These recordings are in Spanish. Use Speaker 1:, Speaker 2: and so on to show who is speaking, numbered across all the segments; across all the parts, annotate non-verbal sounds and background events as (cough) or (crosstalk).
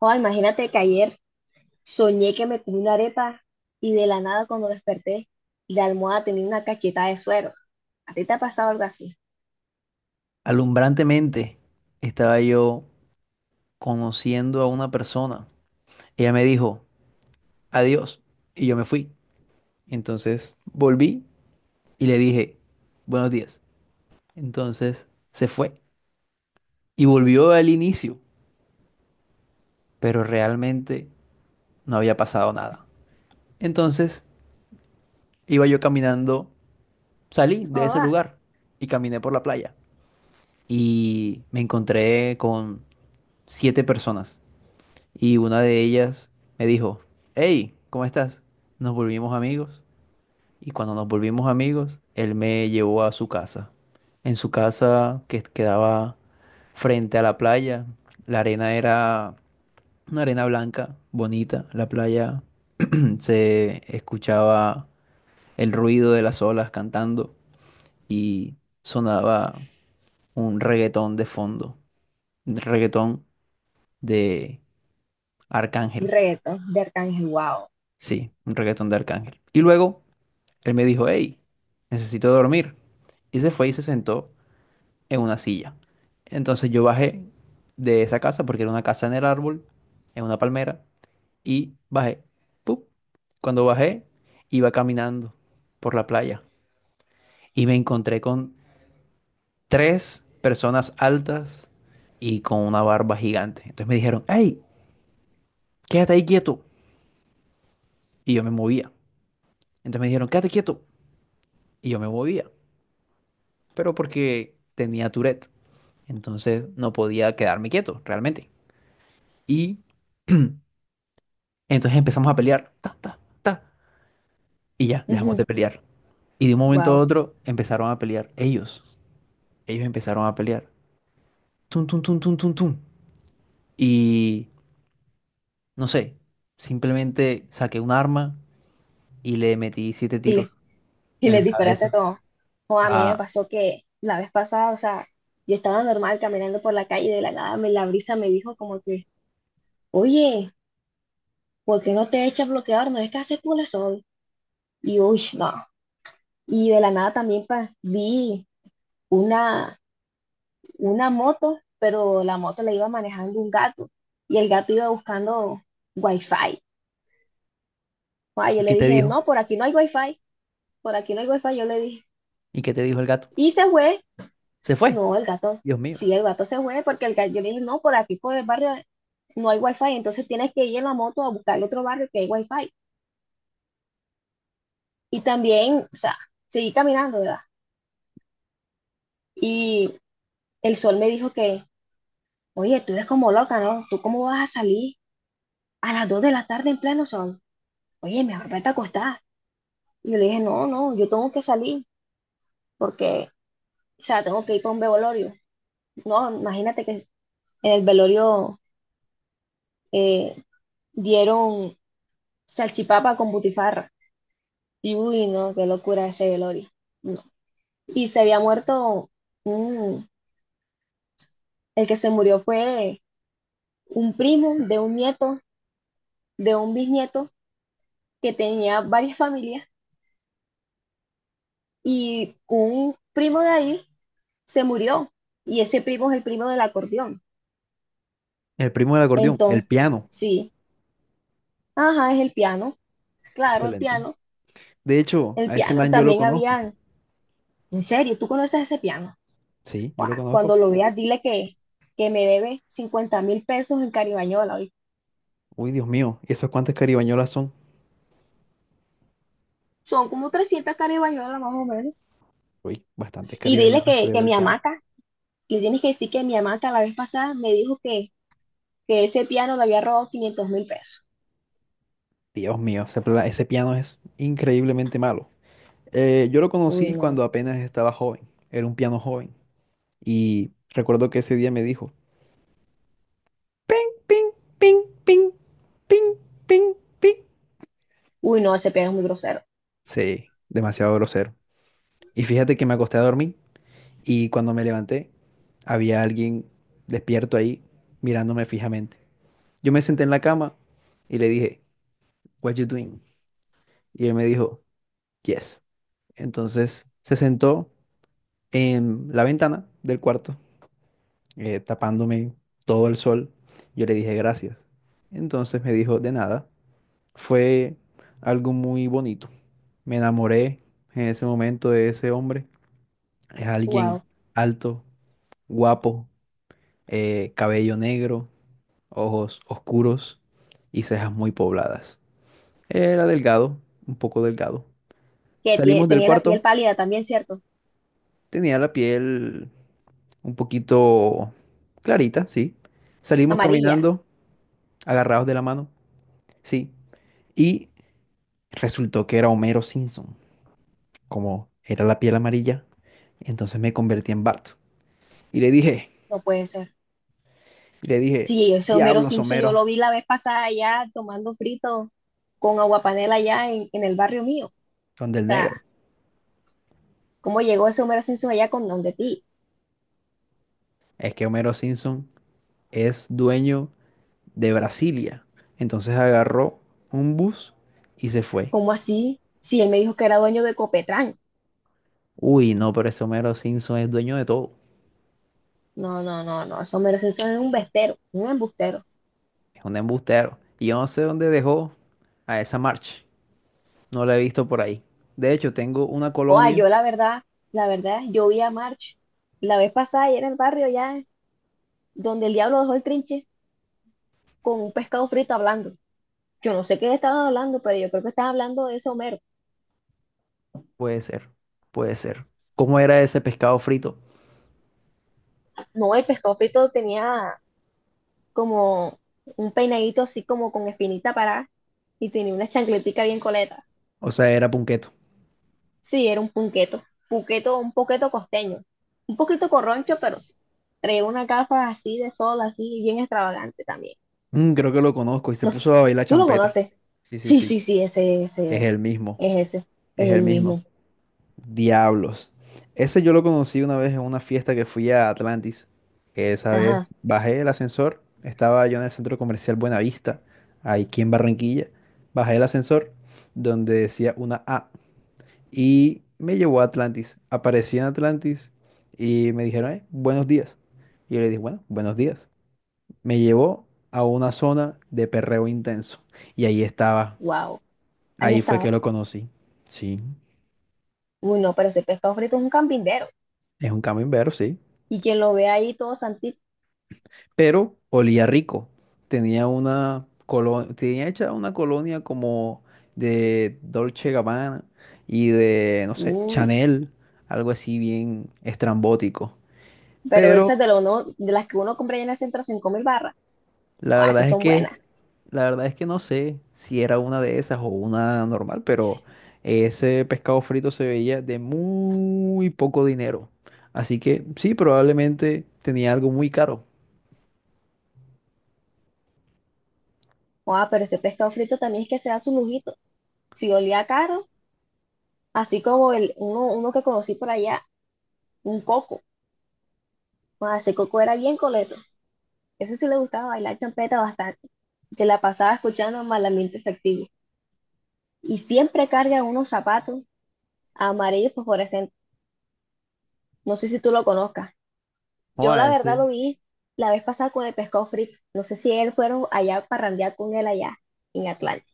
Speaker 1: Oh, imagínate que ayer soñé que me comí una arepa y de la nada cuando desperté, la almohada tenía una cacheta de suero. ¿A ti te ha pasado algo así?
Speaker 2: Alumbrantemente estaba yo conociendo a una persona. Ella me dijo, adiós, y yo me fui. Entonces volví y le dije, buenos días. Entonces se fue y volvió al inicio, pero realmente no había pasado nada. Entonces iba yo caminando, salí de
Speaker 1: No,
Speaker 2: ese
Speaker 1: va.
Speaker 2: lugar y caminé por la playa y me encontré con siete personas. Y una de ellas me dijo, hey, ¿cómo estás? Nos volvimos amigos. Y cuando nos volvimos amigos, él me llevó a su casa. En su casa que quedaba frente a la playa, la arena era una arena blanca, bonita. La playa (clears throat) se escuchaba el ruido de las olas cantando y sonaba un reggaetón de fondo, un reggaetón de
Speaker 1: Un
Speaker 2: Arcángel.
Speaker 1: reggaetón de Arcángel, wow.
Speaker 2: Sí, un reggaetón de Arcángel. Y luego, él me dijo, hey, necesito dormir. Y se fue y se sentó en una silla. Entonces yo bajé de esa casa, porque era una casa en el árbol, en una palmera, y bajé. ¡Pup! Cuando bajé, iba caminando por la playa y me encontré con tres personas altas y con una barba gigante. Entonces me dijeron, hey, quédate ahí quieto. Y yo me movía. Entonces me dijeron, quédate quieto. Y yo me movía. Pero porque tenía Tourette. Entonces no podía quedarme quieto, realmente. Y (clears throat) entonces empezamos a pelear. Ta, ta, ta. Y ya, dejamos
Speaker 1: (laughs)
Speaker 2: de pelear. Y de un momento a
Speaker 1: Wow.
Speaker 2: otro empezaron a pelear ellos. Ellos empezaron a pelear. Tum, tum, tum, tum, tum, tum. Y no sé, simplemente saqué un arma y le metí siete
Speaker 1: Y
Speaker 2: tiros
Speaker 1: le, y
Speaker 2: en
Speaker 1: le
Speaker 2: la
Speaker 1: disparaste
Speaker 2: cabeza.
Speaker 1: todo. Oh, a mí me
Speaker 2: Ah.
Speaker 1: pasó que la vez pasada, o sea, yo estaba normal caminando por la calle y de la nada me, la brisa me dijo como que, oye, ¿por qué no te echas bloqueador? No es que hace puro sol. Y uy, no. Y de la nada también vi una una moto, pero la moto la iba manejando un gato y el gato iba buscando wifi. Ah, yo
Speaker 2: ¿Y
Speaker 1: le
Speaker 2: qué te
Speaker 1: dije,
Speaker 2: dijo?
Speaker 1: no, por aquí no hay wifi, por aquí no hay wifi, yo le dije.
Speaker 2: ¿Y qué te dijo el gato?
Speaker 1: Y se fue,
Speaker 2: Se fue.
Speaker 1: no, el gato,
Speaker 2: Dios mío.
Speaker 1: sí, el gato se fue porque el gato, yo le dije, no, por aquí, por el barrio no hay wifi, entonces tienes que ir en la moto a buscar el otro barrio que hay wifi. Y también, o sea, seguí caminando, ¿verdad? Y el sol me dijo que, oye, tú eres como loca, ¿no? ¿Tú cómo vas a salir a las 2 de la tarde en pleno sol? Oye, mejor vete a acostar. Y yo le dije, no, no, yo tengo que salir porque, o sea, tengo que ir para un velorio. No, imagínate que en el velorio eh, dieron salchipapa con butifarra. Y uy, no, qué locura ese velorio. No. Y se había muerto, mm, el que se murió fue un primo de un nieto, de un bisnieto que tenía varias familias y un primo de ahí se murió. Y ese primo es el primo del acordeón.
Speaker 2: El primo del acordeón, el
Speaker 1: Entonces,
Speaker 2: piano.
Speaker 1: sí, ajá, es el piano. Claro, el
Speaker 2: Excelente.
Speaker 1: piano.
Speaker 2: De hecho,
Speaker 1: El
Speaker 2: a ese
Speaker 1: piano
Speaker 2: man yo lo
Speaker 1: también
Speaker 2: conozco.
Speaker 1: había, en serio, ¿tú conoces ese piano?
Speaker 2: Sí, yo lo
Speaker 1: Guau, cuando
Speaker 2: conozco.
Speaker 1: lo veas, dile que me debe $50.000 en Caribañola. ¿Oí?
Speaker 2: Uy, Dios mío, ¿y eso cuántas caribañolas son?
Speaker 1: Son como 300 Caribañolas más o menos.
Speaker 2: Uy, bastantes
Speaker 1: Y dile
Speaker 2: caribañolas te debe
Speaker 1: que
Speaker 2: el
Speaker 1: mi
Speaker 2: piano.
Speaker 1: hamaca, le tienes que decir que mi hamaca la vez pasada me dijo que ese piano le había robado $500.000.
Speaker 2: Dios mío, ese, ese piano es increíblemente malo. Yo lo
Speaker 1: Uy,
Speaker 2: conocí
Speaker 1: no.
Speaker 2: cuando apenas estaba joven, era un piano joven. Y recuerdo que ese día me dijo, ping, ping, ping, ping, ping, ping, ping.
Speaker 1: Uy, no, ese piano es muy grosero.
Speaker 2: Sí, demasiado grosero. Y fíjate que me acosté a dormir y cuando me levanté, había alguien despierto ahí mirándome fijamente. Yo me senté en la cama y le dije, What you doing? Y él me dijo, Yes. Entonces se sentó en la ventana del cuarto, tapándome todo el sol. Yo le dije gracias. Entonces me dijo de nada. Fue algo muy bonito. Me enamoré en ese momento de ese hombre. Es alguien
Speaker 1: Wow.
Speaker 2: alto, guapo, cabello negro, ojos oscuros y cejas muy pobladas. Era delgado, un poco delgado.
Speaker 1: Que
Speaker 2: Salimos del
Speaker 1: tenía la piel
Speaker 2: cuarto,
Speaker 1: pálida también, ¿cierto?
Speaker 2: tenía la piel un poquito clarita, sí. Salimos
Speaker 1: Amarilla.
Speaker 2: caminando, agarrados de la mano, sí. Y resultó que era Homero Simpson, como era la piel amarilla, entonces me convertí en Bart. Y le dije,
Speaker 1: No puede ser.
Speaker 2: le dije,
Speaker 1: Sí, ese Homero
Speaker 2: diablos
Speaker 1: Simpson yo
Speaker 2: Homero,
Speaker 1: lo vi la vez pasada allá tomando frito con aguapanela allá en el barrio mío. O
Speaker 2: donde el
Speaker 1: sea,
Speaker 2: negro.
Speaker 1: ¿cómo llegó ese Homero Simpson allá con Donde ti?
Speaker 2: Es que Homero Simpson es dueño de Brasilia. Entonces agarró un bus y se fue.
Speaker 1: ¿Cómo así? Si él me dijo que era dueño de Copetrán.
Speaker 2: Uy, no, pero ese Homero Simpson es dueño de todo.
Speaker 1: No, no, no, no, ese Homero Simpson es un bestero, un embustero.
Speaker 2: Es un embustero. Y yo no sé dónde dejó a esa March. No la he visto por ahí. De hecho, tengo una
Speaker 1: O sea,
Speaker 2: colonia.
Speaker 1: yo la verdad, yo vi a March la vez pasada allá en el barrio allá donde el diablo dejó el trinche con un pescado frito hablando. Yo no sé qué estaban hablando, pero yo creo que estaban hablando de ese Homero.
Speaker 2: Puede ser, puede ser. ¿Cómo era ese pescado frito?
Speaker 1: No, el pescado frito tenía como un peinadito así como con espinita parada y tenía una chancletica bien coleta.
Speaker 2: O sea, era punqueto.
Speaker 1: Sí, era un punqueto, punqueto, un poquito costeño, un poquito corroncho, pero sí. Traía una capa así de sol, así bien extravagante también.
Speaker 2: Mm, creo que lo conozco y se
Speaker 1: No sé,
Speaker 2: puso a bailar
Speaker 1: ¿tú lo
Speaker 2: champeta.
Speaker 1: conoces?
Speaker 2: Sí, sí,
Speaker 1: Sí,
Speaker 2: sí.
Speaker 1: sí, sí, ese,
Speaker 2: Es el mismo,
Speaker 1: ese, es
Speaker 2: es
Speaker 1: el
Speaker 2: el mismo.
Speaker 1: mismo.
Speaker 2: Diablos. Ese yo lo conocí una vez en una fiesta que fui a Atlantis. Esa
Speaker 1: Ajá,
Speaker 2: vez bajé el ascensor. Estaba yo en el centro comercial Buenavista, aquí en Barranquilla. Bajé el ascensor donde decía una A, y me llevó a Atlantis. Aparecí en Atlantis y me dijeron, buenos días". Y yo le dije, bueno, buenos días. Me llevó a una zona de perreo intenso y ahí estaba.
Speaker 1: wow, ahí
Speaker 2: Ahí fue que
Speaker 1: estaba.
Speaker 2: lo conocí. Sí,
Speaker 1: Uy, no, pero ese pescado frito es un campindero.
Speaker 2: es un camembert, sí.
Speaker 1: Y quien lo ve ahí todo santito,
Speaker 2: Pero olía rico. Tenía una colonia, tenía hecha una colonia como de Dolce Gabbana y de, no sé,
Speaker 1: uy,
Speaker 2: Chanel, algo así bien estrambótico.
Speaker 1: pero de
Speaker 2: Pero
Speaker 1: esas de, lo, no, de las que uno compra ya en el centro a 5 mil barras.
Speaker 2: La
Speaker 1: Oh, esas
Speaker 2: verdad es
Speaker 1: son
Speaker 2: que,
Speaker 1: buenas.
Speaker 2: la verdad es que no sé si era una de esas o una normal, pero ese pescado frito se veía de muy poco dinero. Así que sí, probablemente tenía algo muy caro.
Speaker 1: Ah, pero ese pescado frito también es que se da su lujito. Si olía caro, así como el, uno, uno que conocí por allá, un coco. Ah, ese coco era bien coleto. Ese sí le gustaba bailar champeta bastante. Se la pasaba escuchando malamente efectivo. Y siempre carga unos zapatos amarillos fosforescentes. No sé si tú lo conozcas.
Speaker 2: O
Speaker 1: Yo
Speaker 2: a
Speaker 1: la verdad lo
Speaker 2: ese.
Speaker 1: vi la vez pasada con el pescado frito. No sé si él fueron allá a parrandear con él allá en Atlanta.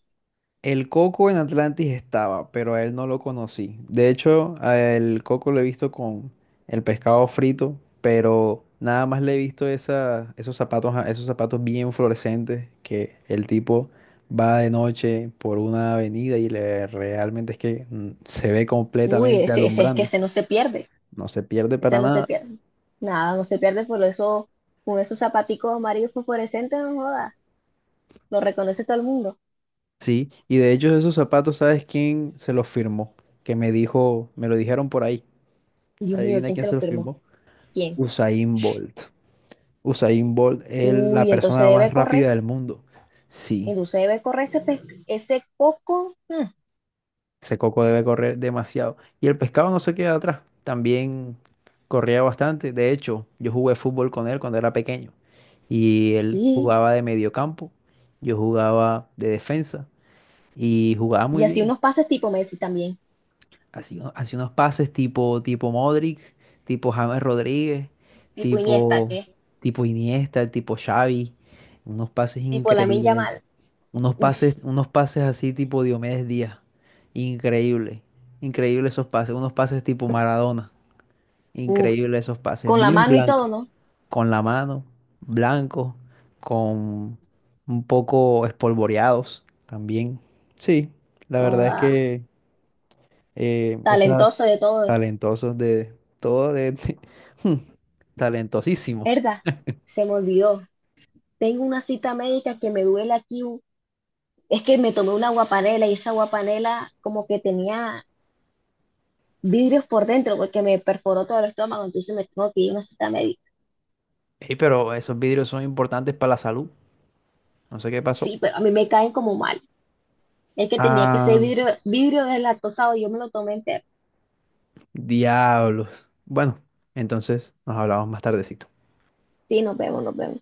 Speaker 2: El Coco en Atlantis estaba, pero a él no lo conocí. De hecho, a el Coco lo he visto con el pescado frito, pero nada más le he visto esa, esos zapatos, esos zapatos bien fluorescentes que el tipo va de noche por una avenida y le realmente es que se ve
Speaker 1: Uy,
Speaker 2: completamente
Speaker 1: ese es que
Speaker 2: alumbrando.
Speaker 1: ese no se pierde.
Speaker 2: No se pierde
Speaker 1: Esa
Speaker 2: para
Speaker 1: no se
Speaker 2: nada.
Speaker 1: pierde. Nada, no se pierde, por eso, con esos zapaticos amarillos fosforescentes, no joda. Lo reconoce todo el mundo.
Speaker 2: Sí, y de hecho esos zapatos, ¿sabes quién se los firmó? Que me dijo, me lo dijeron por ahí.
Speaker 1: Dios mío,
Speaker 2: Adivina
Speaker 1: ¿quién
Speaker 2: quién
Speaker 1: se
Speaker 2: se
Speaker 1: lo
Speaker 2: los
Speaker 1: firmó?
Speaker 2: firmó.
Speaker 1: ¿Quién?
Speaker 2: Usain Bolt. Usain Bolt es la
Speaker 1: Uy, entonces
Speaker 2: persona más
Speaker 1: debe correr.
Speaker 2: rápida del mundo. Sí,
Speaker 1: Entonces debe correr ese, ese coco. Mm,
Speaker 2: ese coco debe correr demasiado. Y el pescado no se queda atrás. También corría bastante. De hecho, yo jugué fútbol con él cuando era pequeño. Y él
Speaker 1: sí.
Speaker 2: jugaba de mediocampo, yo jugaba de defensa y jugaba
Speaker 1: Y
Speaker 2: muy
Speaker 1: así
Speaker 2: bien.
Speaker 1: unos pases tipo Messi también.
Speaker 2: Así, ¿no? Hace unos pases tipo Modric, tipo James Rodríguez,
Speaker 1: Tipo Iniesta,
Speaker 2: tipo,
Speaker 1: ¿qué?
Speaker 2: tipo Iniesta, tipo Xavi. Unos pases
Speaker 1: Tipo Lamine
Speaker 2: increíblemente.
Speaker 1: Yamal.
Speaker 2: Unos
Speaker 1: Uf,
Speaker 2: pases, unos pases así tipo Diomedes Díaz. Increíble. Increíble esos pases. Unos pases tipo Maradona.
Speaker 1: uf.
Speaker 2: Increíble esos pases.
Speaker 1: Con la
Speaker 2: Bien
Speaker 1: mano y todo,
Speaker 2: blanco.
Speaker 1: ¿no?
Speaker 2: Con la mano. Blanco. Con un poco espolvoreados también. Sí, la verdad es
Speaker 1: Joda.
Speaker 2: que
Speaker 1: Talentoso
Speaker 2: esas
Speaker 1: de todo.
Speaker 2: talentosos de todo (laughs) hmm, talentosísimo.
Speaker 1: Herda, se me olvidó. Tengo una cita médica que me duele aquí. Es que me tomé una guapanela y esa guapanela como que tenía vidrios por dentro porque me perforó todo el estómago, entonces me tengo que ir a una cita médica.
Speaker 2: Ey, pero esos vidrios son importantes para la salud. No sé qué pasó.
Speaker 1: Sí, pero a mí me caen como mal. Es que tenía que ser
Speaker 2: Ah,
Speaker 1: vidrio, vidrio deslactosado, yo me lo tomé entero.
Speaker 2: diablos. Bueno, entonces nos hablamos más tardecito.
Speaker 1: Sí, nos vemos, nos vemos.